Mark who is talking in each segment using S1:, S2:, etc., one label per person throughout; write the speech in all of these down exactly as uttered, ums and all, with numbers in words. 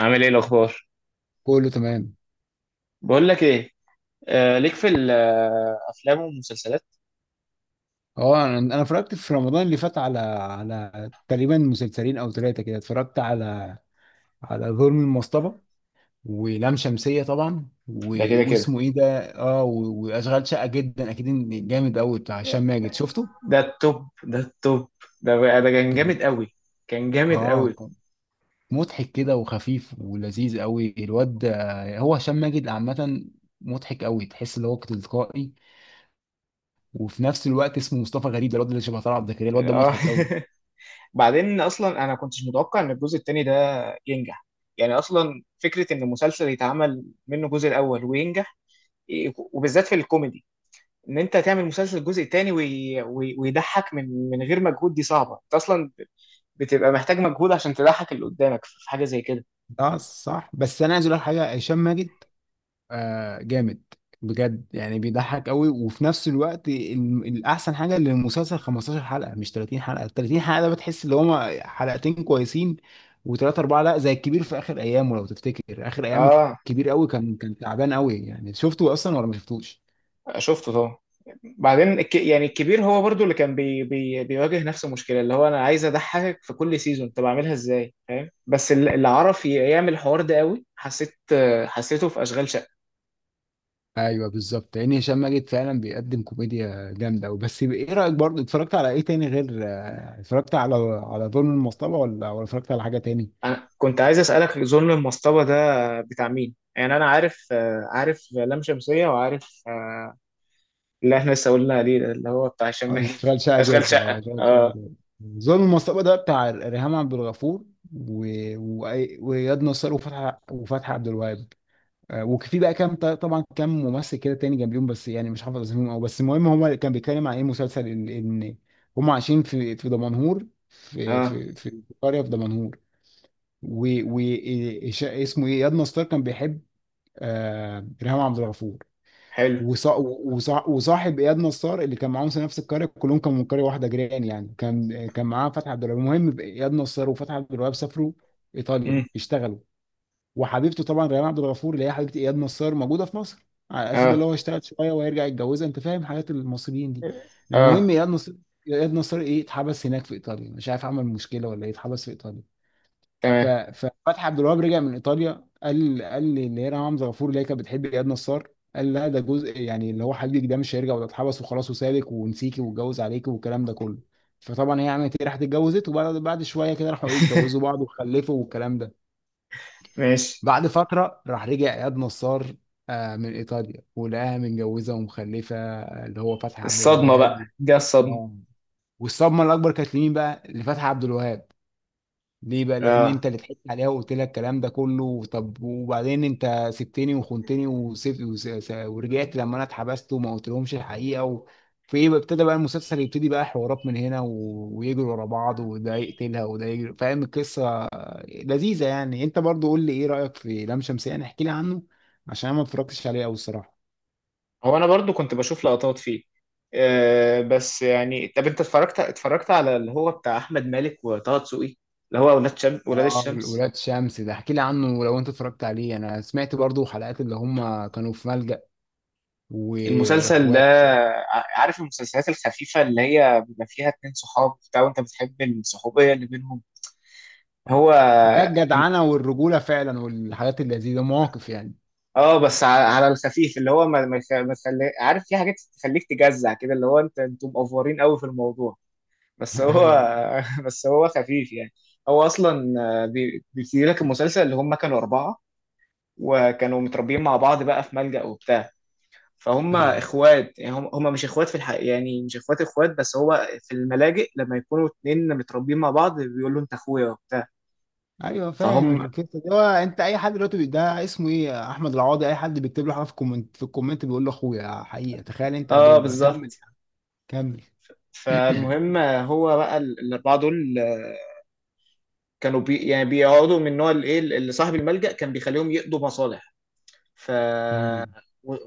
S1: عامل ايه الاخبار؟
S2: كله تمام.
S1: بقول لك ايه. آه، ليك في الافلام والمسلسلات.
S2: اه انا أنا اتفرجت في رمضان اللي فات على على تقريبا مسلسلين او ثلاثه كده. اتفرجت على على ظلم المصطبه، ولام شمسيه طبعا، و...
S1: ده كده كده.
S2: واسمه ايه ده؟ اه و... واشغال شقه جدا، اكيد إن جامد قوي بتاع هشام ماجد، شفته؟
S1: ده التوب ده التوب ده بقى- ده كان
S2: كان.
S1: جامد قوي كان جامد
S2: اه
S1: قوي
S2: كان مضحك كده وخفيف ولذيذ قوي. الواد ده- هو هشام ماجد عامه مضحك قوي، تحس ان هو تلقائي. وفي نفس الوقت اسمه مصطفى غريب، ده الواد اللي شبه طلعت زكريا، الواد ده
S1: اه.
S2: مضحك قوي.
S1: بعدين اصلا انا ما كنتش متوقع ان الجزء التاني ده ينجح. يعني اصلا فكره ان مسلسل يتعمل منه الجزء الاول وينجح، إيه، وبالذات في الكوميدي. ان انت تعمل مسلسل الجزء التاني وي... وي... ويضحك من من غير مجهود، دي صعبه. انت اصلا بتبقى محتاج مجهود عشان تضحك اللي قدامك في حاجه زي كده.
S2: اه صح. بس انا عايز اقول لك حاجه، هشام ماجد آه جامد بجد يعني، بيضحك قوي. وفي نفس الوقت ال- الاحسن حاجه ان المسلسل خمستاشر حلقه مش تلاتين حلقه. تلاتين حلقه ده بتحس ان هما حلقتين كويسين وثلاثه اربعه، لا زي الكبير في اخر ايامه. لو تفتكر اخر ايام
S1: اه
S2: الكبير قوي كان كان تعبان قوي يعني، شفته اصلا ولا ما شفتوش؟
S1: شفته طبعا. بعدين الك... يعني الكبير هو برضو اللي كان بي... بي... بيواجه نفس المشكله، اللي هو انا عايز اضحكك في كل سيزون، طب اعملها ازاي؟ فاهم. بس ال- اللي عرف ي- يعمل الحوار ده قوي، حسيت. حسيته في اشغال شقه.
S2: ايوه بالظبط، لان هشام ماجد فعلا بيقدم كوميديا جامده قوي. بس ايه رايك؟ برضه اتفرجت على ايه تاني غير آه، اتفرجت على على ظلم المصطبه، ولا ولا اتفرجت على حاجه تاني؟
S1: انا كنت عايز اسالك ظلم المصطبه ده بتاع مين؟ يعني انا عارف. عارف لام شمسيه، وعارف آه، اللي احنا لسه قلنا عليه ده اللي هو بتاع هشام
S2: آه،
S1: ماجد.
S2: اشتغل شائع
S1: اشغال
S2: جدا.
S1: شقه.
S2: اه اشتغل شائع
S1: اه.
S2: جدا. ظلم المصطبة ده بتاع ريهام عبد الغفور، و... و... واياد نصار، وفتحي وفتحي عبد الوهاب. آه، وفي بقى كام طبعا، كام ممثل كده تاني جنبيهم، بس يعني مش حافظ اسمهم او. بس المهم، هو كان بيتكلم عن ايه؟ مسلسل ان إن هم عايشين في في دمنهور، في
S1: اه،
S2: في في قريه في دمنهور. و... و... إيش- اسمه ايه، اياد نصار كان بيحب آه... ريهام عبد الغفور.
S1: حلو.
S2: وصا- وصا- وصاحب اياد نصار اللي كان معاهم في نفس القريه، كلهم كانوا من قريه واحده، جيران يعني. كان كان معاه فتحي عبد الوهاب. المهم، اياد نصار وفتحي عبد الوهاب سافروا ايطاليا
S1: امم.
S2: يشتغلوا. وحبيبته طبعا ريان عبد الغفور، اللي هي حبيبه اياد نصار، موجوده في مصر، على اساس
S1: اه.
S2: اللي هو اشتغل شويه وهيرجع يتجوزها، انت فاهم حياه المصريين دي.
S1: اه،
S2: المهم، اياد نصار، اياد نصار ايه، اتحبس هناك في ايطاليا، مش عارف عمل مشكله ولا ايه، اتحبس في ايطاليا. ف-
S1: تمام.
S2: ففتحي عبد الوهاب رجع من ايطاليا، قال قال لي اللي هي ريهام حمزه غفور اللي هي كانت بتحب اياد نصار، قال لها ده جزء يعني اللي هو حليك ده مش هيرجع، ولا اتحبس وخلاص وسابك ونسيكي واتجوز عليكي والكلام ده كله. فطبعا هي عملت ايه؟ راحت اتجوزت. وبعد بعد شويه كده راحوا ايه، اتجوزوا بعض وخلفوا والكلام ده.
S1: ماشي.
S2: بعد فتره، راح رجع اياد نصار آه من ايطاليا، ولقاها متجوزه ومخلفه، آه، اللي هو فتحي عبد
S1: الصدمه
S2: الوهاب
S1: بقى،
S2: و...
S1: دي الصدمه.
S2: آه. والصدمه الاكبر كانت لمين بقى؟ لفتحي عبد الوهاب. ليه بقى؟ لان
S1: اه.
S2: انت اللي ضحكت عليها وقلت لها الكلام ده كله، طب وبعدين انت سبتني وخنتني وسبت وس- س- ورجعت لما انا اتحبست، وما قلتلهمش الحقيقه و... في ايه بقى؟ ابتدى بقى المسلسل يبتدي بقى، حوارات من هنا و... ويجروا ورا بعض، وده يقتلها وده يجري، فاهم القصه؟ لذيذه يعني. انت برضو قول لي ايه رايك في لام شمسية، احكي لي عنه، عشان انا ما اتفرجتش عليه قوي الصراحه.
S1: هو انا برضو كنت بشوف لقطات فيه. آه بس يعني، طب انت اتفرجت اتفرجت على اللي هو بتاع احمد مالك وطه دسوقي، اللي هو ولاد شم... ولاد
S2: اه
S1: الشمس.
S2: ولاد شمس ده احكي لي عنه لو انت اتفرجت عليه. انا سمعت برضو حلقات، اللي هم كانوا في ملجأ
S1: المسلسل ده،
S2: واخوات.
S1: ع- عارف المسلسلات الخفيفة اللي هي بيبقى فيها اتنين صحاب بتاع وانت بتحب الصحوبية اللي بينهم. هو
S2: ده الجدعنه والرجوله فعلا، والحاجات اللذيذه، مواقف يعني.
S1: اه، بس ع- على الخفيف، اللي هو ما ما يخ- ما يخلي... عارف، في حاجات تخليك تجزع كده اللي هو انت انتوا مقفورين قوي في الموضوع. بس
S2: ايوه.
S1: هو بس هو خفيف يعني. هو اصلا آه، بي- بيبتدي لك المسلسل، اللي هم كانوا اربعه وكانوا متربيين مع بعض بقى في ملجأ وبتاع. فهم
S2: ايوه.
S1: اخوات، يعني هم هم مش اخوات في الحقيقه، يعني مش اخوات اخوات، بس هو في الملاجئ لما يكونوا اتنين متربيين مع بعض بيقولوا انت اخويا وبتاع.
S2: ايوه فاهم
S1: فهم.
S2: القصه دي. هو انت اي حد دلوقتي بي- ده اسمه ايه، احمد العوضي، اي حد بيكتب له حاجه في الكومنت، في الكومنت بيقول له اخويا حقيقه، تخيل انت.
S1: اه
S2: دول بقى، كمل،
S1: بالظبط.
S2: كمل.
S1: فالمهم آه، هو بقى ال- الاربعه دول، آه، كانوا بي يعني بيقعدوا من نوع الايه، اللي صاحب الملجأ كان بيخليهم يقضوا مصالح. ف...
S2: أمم.
S1: و-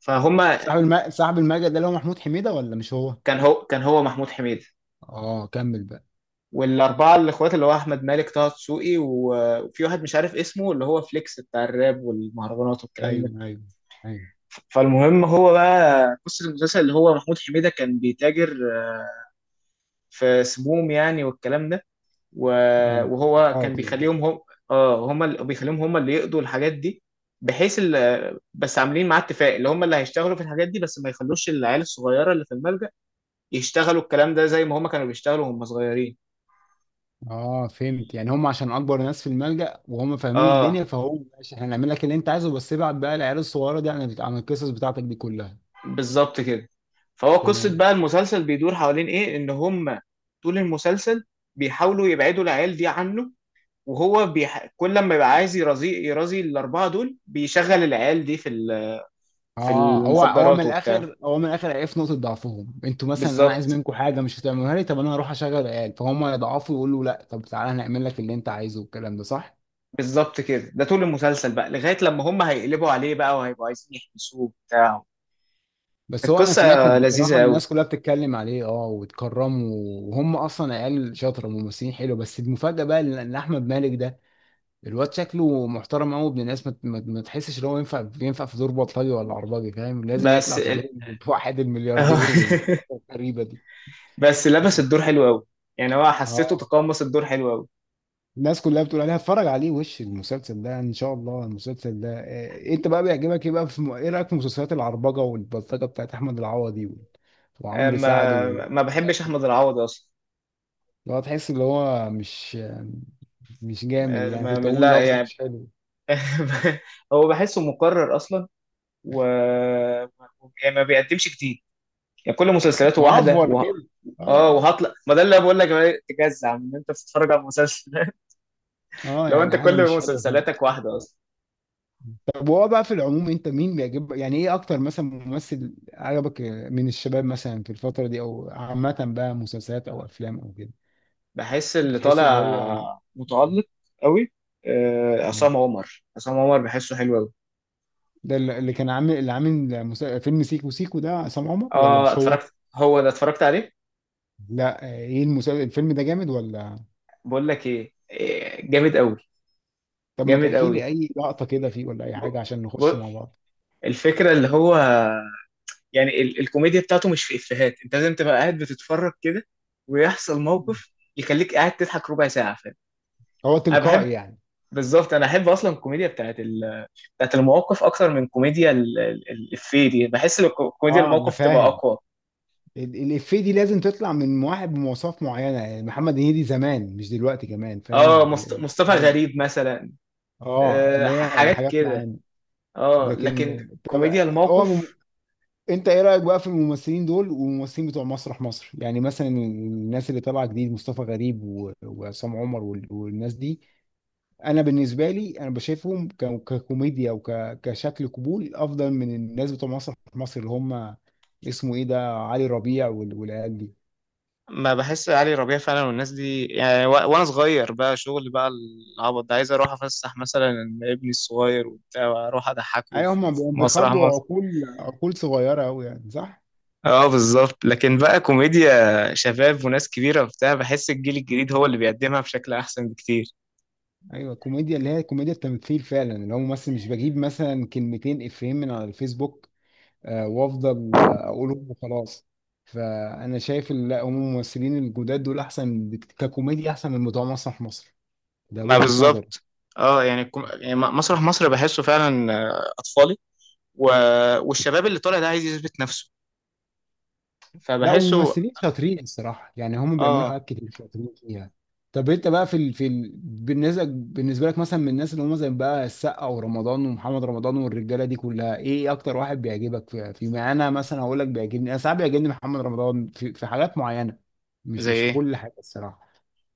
S1: فهم.
S2: صاحب الم... صاحب الملجأ ده اللي هو محمود حميده ولا مش هو؟
S1: كان هو كان هو محمود حميد.
S2: اه كمل بقى.
S1: والاربعه الاخوات اللي هو احمد مالك، طه دسوقي، و- وفي واحد مش عارف اسمه، اللي هو فليكس بتاع الراب والمهرجانات والكلام ده.
S2: ايوه. ايوه. ايوه.
S1: فالمهم، هو بقى قصه المسلسل، اللي هو محمود حميده كان بيتاجر في سموم يعني والكلام ده.
S2: آه،
S1: و- وهو كان
S2: مخدرات يعني.
S1: بيخليهم هم. اه، هم اللي بيخليهم هم اللي يقضوا الحاجات دي، بحيث ال- بس عاملين معاه اتفاق، اللي هم اللي هيشتغلوا في الحاجات دي، بس ما يخلوش العيال الصغيره اللي في الملجأ يشتغلوا الكلام ده زي ما هم كانوا بيشتغلوا وهم صغيرين.
S2: اه فهمت يعني، هم عشان اكبر ناس في الملجأ وهم فاهمين
S1: اه
S2: الدنيا، فهو ماشي احنا هنعمل لك اللي انت عايزه، بس ابعت بقى العيال الصغيره دي عن عن القصص بتاعتك دي كلها.
S1: بالظبط كده. فهو قصة
S2: تمام.
S1: بقى المسلسل بيدور حوالين ايه، ان هم طول المسلسل بيحاولوا يبعدوا العيال دي عنه. وهو بيح... كل لما يبقى عايز يرازي يرازي الأربعة دول، بيشغل العيال دي في ال... في
S2: اه هو هو من
S1: المخدرات وبتاع.
S2: الاخر هو من الاخر عرف نقطه ضعفهم، انتوا مثلا انا عايز
S1: بالظبط.
S2: منكم حاجه مش هتعملوها لي، طب انا هروح اشغل العيال، فهم يضعفوا يقولوا لا، طب تعالى هنعمل لك اللي انت عايزه والكلام ده، صح؟
S1: بالظبط كده. ده طول المسلسل بقى لغاية لما هم هيقلبوا عليه بقى وهيبقوا عايزين يحبسوه وبتاع.
S2: بس هو انا سمعت
S1: القصة
S2: إن بصراحه
S1: لذيذة قوي.
S2: الناس كلها بتتكلم عليه، اه وتكرمه، وهم اصلا عيال شاطره، ممثلين حلو. بس المفاجاه بقى ان إن احمد مالك ده، الواد شكله محترم قوي، ابن الناس، ما ما- ما تحسش ان هو ينفع ينفع في دور بطلجي ولا عرباجي، فاهم؟ لازم يطلع
S1: بس،
S2: في دور واحد الملياردير. والغريبه دي.
S1: بس لبس الدور حلو قوي، يعني هو حسيته
S2: اه.
S1: تقمص الدور حلو قوي.
S2: الناس كلها بتقول عليها اتفرج عليه، وش المسلسل ده ان شاء الله. المسلسل ده إيه؟ انت بقى بيعجبك ايه بقى في م- ايه رايك في مسلسلات العربجه والبلطجه بتاعت احمد العوضي وال-
S1: آه،
S2: وعمرو سعد
S1: ما ما
S2: والحاجات
S1: بحبش
S2: دي؟
S1: احمد العوضي اصلا.
S2: اللي هو تحس اللي هو مش مش جامد
S1: ما
S2: يعني، كنت
S1: ما-
S2: اقول
S1: لا
S2: لفظ
S1: يعني.
S2: مش حلو،
S1: هو بحسه مكرر اصلا، و... يعني ما بيقدمش جديد، يعني كل مسلسلاته واحده
S2: معفور
S1: و...
S2: كده.
S1: اه،
S2: اه.
S1: وهطلع ما ده اللي بقول لك عليه، تجزع من ان انت بتتفرج على مسلسل.
S2: اه
S1: لو
S2: يعني
S1: انت
S2: حاجه
S1: كل
S2: مش حلوه.
S1: مسلسلاتك واحده اصلا.
S2: طب وهو بقى في العموم، انت مين بيعجب يعني، ايه اكتر مثلا ممثل عجبك من الشباب مثلا في الفترة دي، او عامة بقى مسلسلات او افلام او كده؟
S1: بحس اللي
S2: بتحس اللي
S1: طالع
S2: هو،
S1: متألق قوي. آه،
S2: يعني.
S1: عصام عمر عصام عمر بحسه حلو قوي.
S2: ده اللي اللي كان عامل اللي عامل مسا- فيلم سيكو سيكو، ده عصام عمر ولا
S1: اه،
S2: مش هو؟
S1: اتفرجت، هو ده اتفرجت عليه.
S2: لا آه، ايه المسلسل الفيلم ده جامد ولا؟
S1: بقول لك ايه، إيه، جامد قوي.
S2: طب ما
S1: جامد
S2: تحكي لي
S1: قوي.
S2: اي لقطة كده فيه، ولا اي حاجة عشان نخشه مع بعض.
S1: الفكرة اللي هو، يعني ال الكوميديا بتاعته مش في إفيهات، انت لازم تبقى قاعد بتتفرج كده ويحصل موقف يخليك قاعد تضحك ربع ساعة. فاهم.
S2: هو
S1: انا بحب،
S2: تلقائي يعني؟
S1: بالظبط. انا احب اصلا الكوميديا بتاعت ال... بتاعت المواقف اكتر من كوميديا ال- ال- الإفيه دي. بحس ان الكو- كوميديا
S2: اه انا
S1: الموقف تبقى
S2: فاهم.
S1: اقوى.
S2: ال- الإفيه دي لازم تطلع من واحد بمواصفات معينة يعني، محمد هنيدي زمان مش دلوقتي، كمان فاهم
S1: اه مصط...
S2: ال-
S1: مصطفى
S2: ال-
S1: غريب مثلا.
S2: اه في
S1: أه،
S2: اللي
S1: ح-
S2: هي
S1: حاجات
S2: الحاجات
S1: كده.
S2: معينة.
S1: اه
S2: لكن
S1: لكن
S2: طب
S1: كوميديا
S2: هو مم...
S1: الموقف.
S2: انت ايه رأيك بقى في الممثلين دول والممثلين بتوع مسرح مصر، يعني مثلا الناس اللي طالعة جديد، مصطفى غريب و... وعصام عمر وال... والناس دي؟ انا بالنسبة لي انا بشايفهم ك... ككوميديا وك... كشكل قبول افضل من الناس بتوع مسرح مصر اللي هم اسمه ايه ده، علي ربيع وال... والعيال دي.
S1: ما بحس علي ربيع فعلا والناس دي يعني، و... وانا صغير بقى شغل بقى العبط ده، عايز اروح افسح مثلا ابني الصغير وبتاع، واروح اضحكه
S2: ايوه
S1: في
S2: هما
S1: في
S2: بي-
S1: مسرح
S2: بيخاطبوا
S1: مصر.
S2: عقول، عقول صغيره قوي يعني، صح.
S1: اه بالظبط. لكن بقى كوميديا شباب وناس كبيرة وبتاع، بحس الجيل الجديد هو اللي بيقدمها بشكل احسن بكتير.
S2: ايوه الكوميديا اللي هي كوميديا التمثيل فعلا، اللي هو ممثل مش بجيب مثلا كلمتين افيهين من على الفيسبوك آه، وافضل آه، اقولهم وخلاص. فانا شايف ال- لا هم الممثلين الجداد دول احسن بك- ككوميديا، احسن من بتوع مسرح مصر، ده
S1: ما
S2: وجهه نظري.
S1: بالظبط. اه يعني، الكم... يعني م- مسرح مصر بحسه فعلا آه، اطفالي. و... والشباب اللي طالع ده عايز يثبت نفسه،
S2: لا
S1: فبحسه.
S2: وممثلين شاطرين الصراحة يعني، هم بيعملوا
S1: اه.
S2: حاجات كتير شاطرين فيها. طب انت بقى في ال... في ال... بالنسبة بالنسبة لك مثلا، من الناس اللي هم زي بقى السقا ورمضان ومحمد رمضان والرجالة دي كلها، ايه اكتر واحد بيعجبك في؟ في ما انا مثلا هقول لك، بيعجبني انا ساعات، بيعجبني محمد رمضان في... في حاجات معينة، مش
S1: زي
S2: مش في
S1: ايه؟
S2: كل حاجة الصراحة.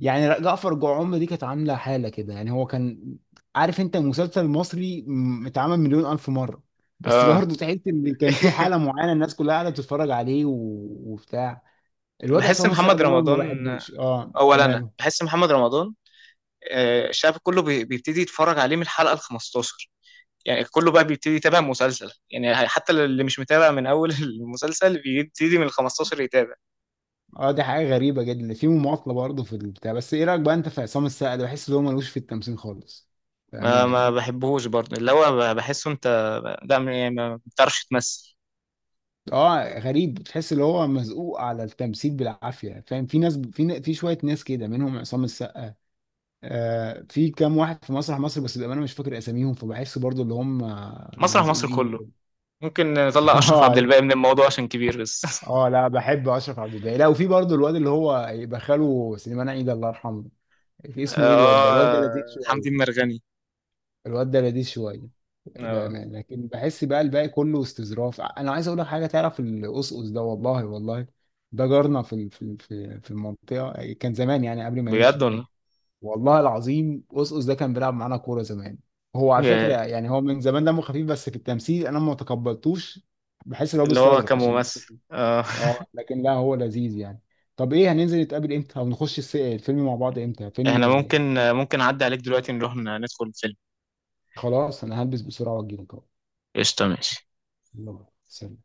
S2: يعني جعفر جعوم دي كانت عامله حاله كده يعني، هو كان عارف انت مسلسل مصري م- اتعمل مليون الف مره، بس
S1: اه.
S2: برضه تحس ان كان في حاله معينه الناس كلها قاعده بتتفرج عليه و... وبتاع. الوضع
S1: بحس
S2: عصام السقا
S1: محمد
S2: ده أنا ما
S1: رمضان،
S2: بحبوش، اه
S1: اولا انا
S2: ماله؟
S1: بحس محمد رمضان آه، الشعب كله بي- بيبتدي يتفرج عليه من الحلقه ال خمسة عشر. يعني كله بقى بيبتدي يتابع مسلسل يعني، حتى اللي مش متابع من اول المسلسل بيبتدي من ال خمستاشر يتابع.
S2: اه دي حاجه غريبه جدا في مماطله برضه في البتاع. بس ايه رايك بقى انت في عصام السقا ده؟ بحس ان هو ملوش في التمثيل خالص،
S1: ما
S2: بامانه
S1: ما
S2: يعني.
S1: بحبهوش برضه اللي هو، ب- بحسه انت. لا، م- يعني ما بتعرفش تمثل.
S2: اه غريب، تحس ان هو مزقوق على التمثيل بالعافيه، فاهم؟ في ناس، في في شويه ناس كده منهم عصام السقا، آه، في كام واحد في مسرح مصر بس بأمانة مش فاكر أساميهم، فبحس برضو اللي هم آه،
S1: مسرح مصر
S2: مزقوقين
S1: كله،
S2: كده.
S1: ممكن نطلع اشرف عبد
S2: اه.
S1: الباقي من الموضوع عشان كبير بس.
S2: اه لا بحب أشرف عبد الباقي. لا وفي برضو الواد اللي هو يبقى خاله سليمان عيد، الله يرحمه، اسمه ايه الواد ده؟ الواد ده لذيذ
S1: اه. حمدي
S2: شوية.
S1: المرغني.
S2: الواد ده لذيذ شوية
S1: اه
S2: بأمانة. لكن بحس بقى الباقي كله استظراف. أنا عايز أقول لك حاجة، تعرف القصقص ده؟ والله والله ده جارنا في ال- في ال- في في المنطقة، كان زمان يعني قبل ما
S1: بجد،
S2: يمشي.
S1: ولا؟
S2: والله العظيم، قصقص ده كان بيلعب معانا كوره زمان. هو على فكره
S1: ياه،
S2: يعني، هو من زمان دمه خفيف، بس في التمثيل انا ما تقبلتوش، بحس ان هو
S1: اللي هو
S2: بيستظرف عشان بس.
S1: كممثل. اه.
S2: اه لكن لا هو لذيذ يعني. طب ايه، هننزل نتقابل امتى، او نخش الس- الفيلم مع بعض امتى فيلم؟
S1: احنا ممكن، ممكن اعدي عليك دلوقتي نروح ندخل الفيلم.
S2: خلاص انا هلبس بسرعه واجيلك اهو.
S1: قشطة. ماشي.
S2: يلا سلام.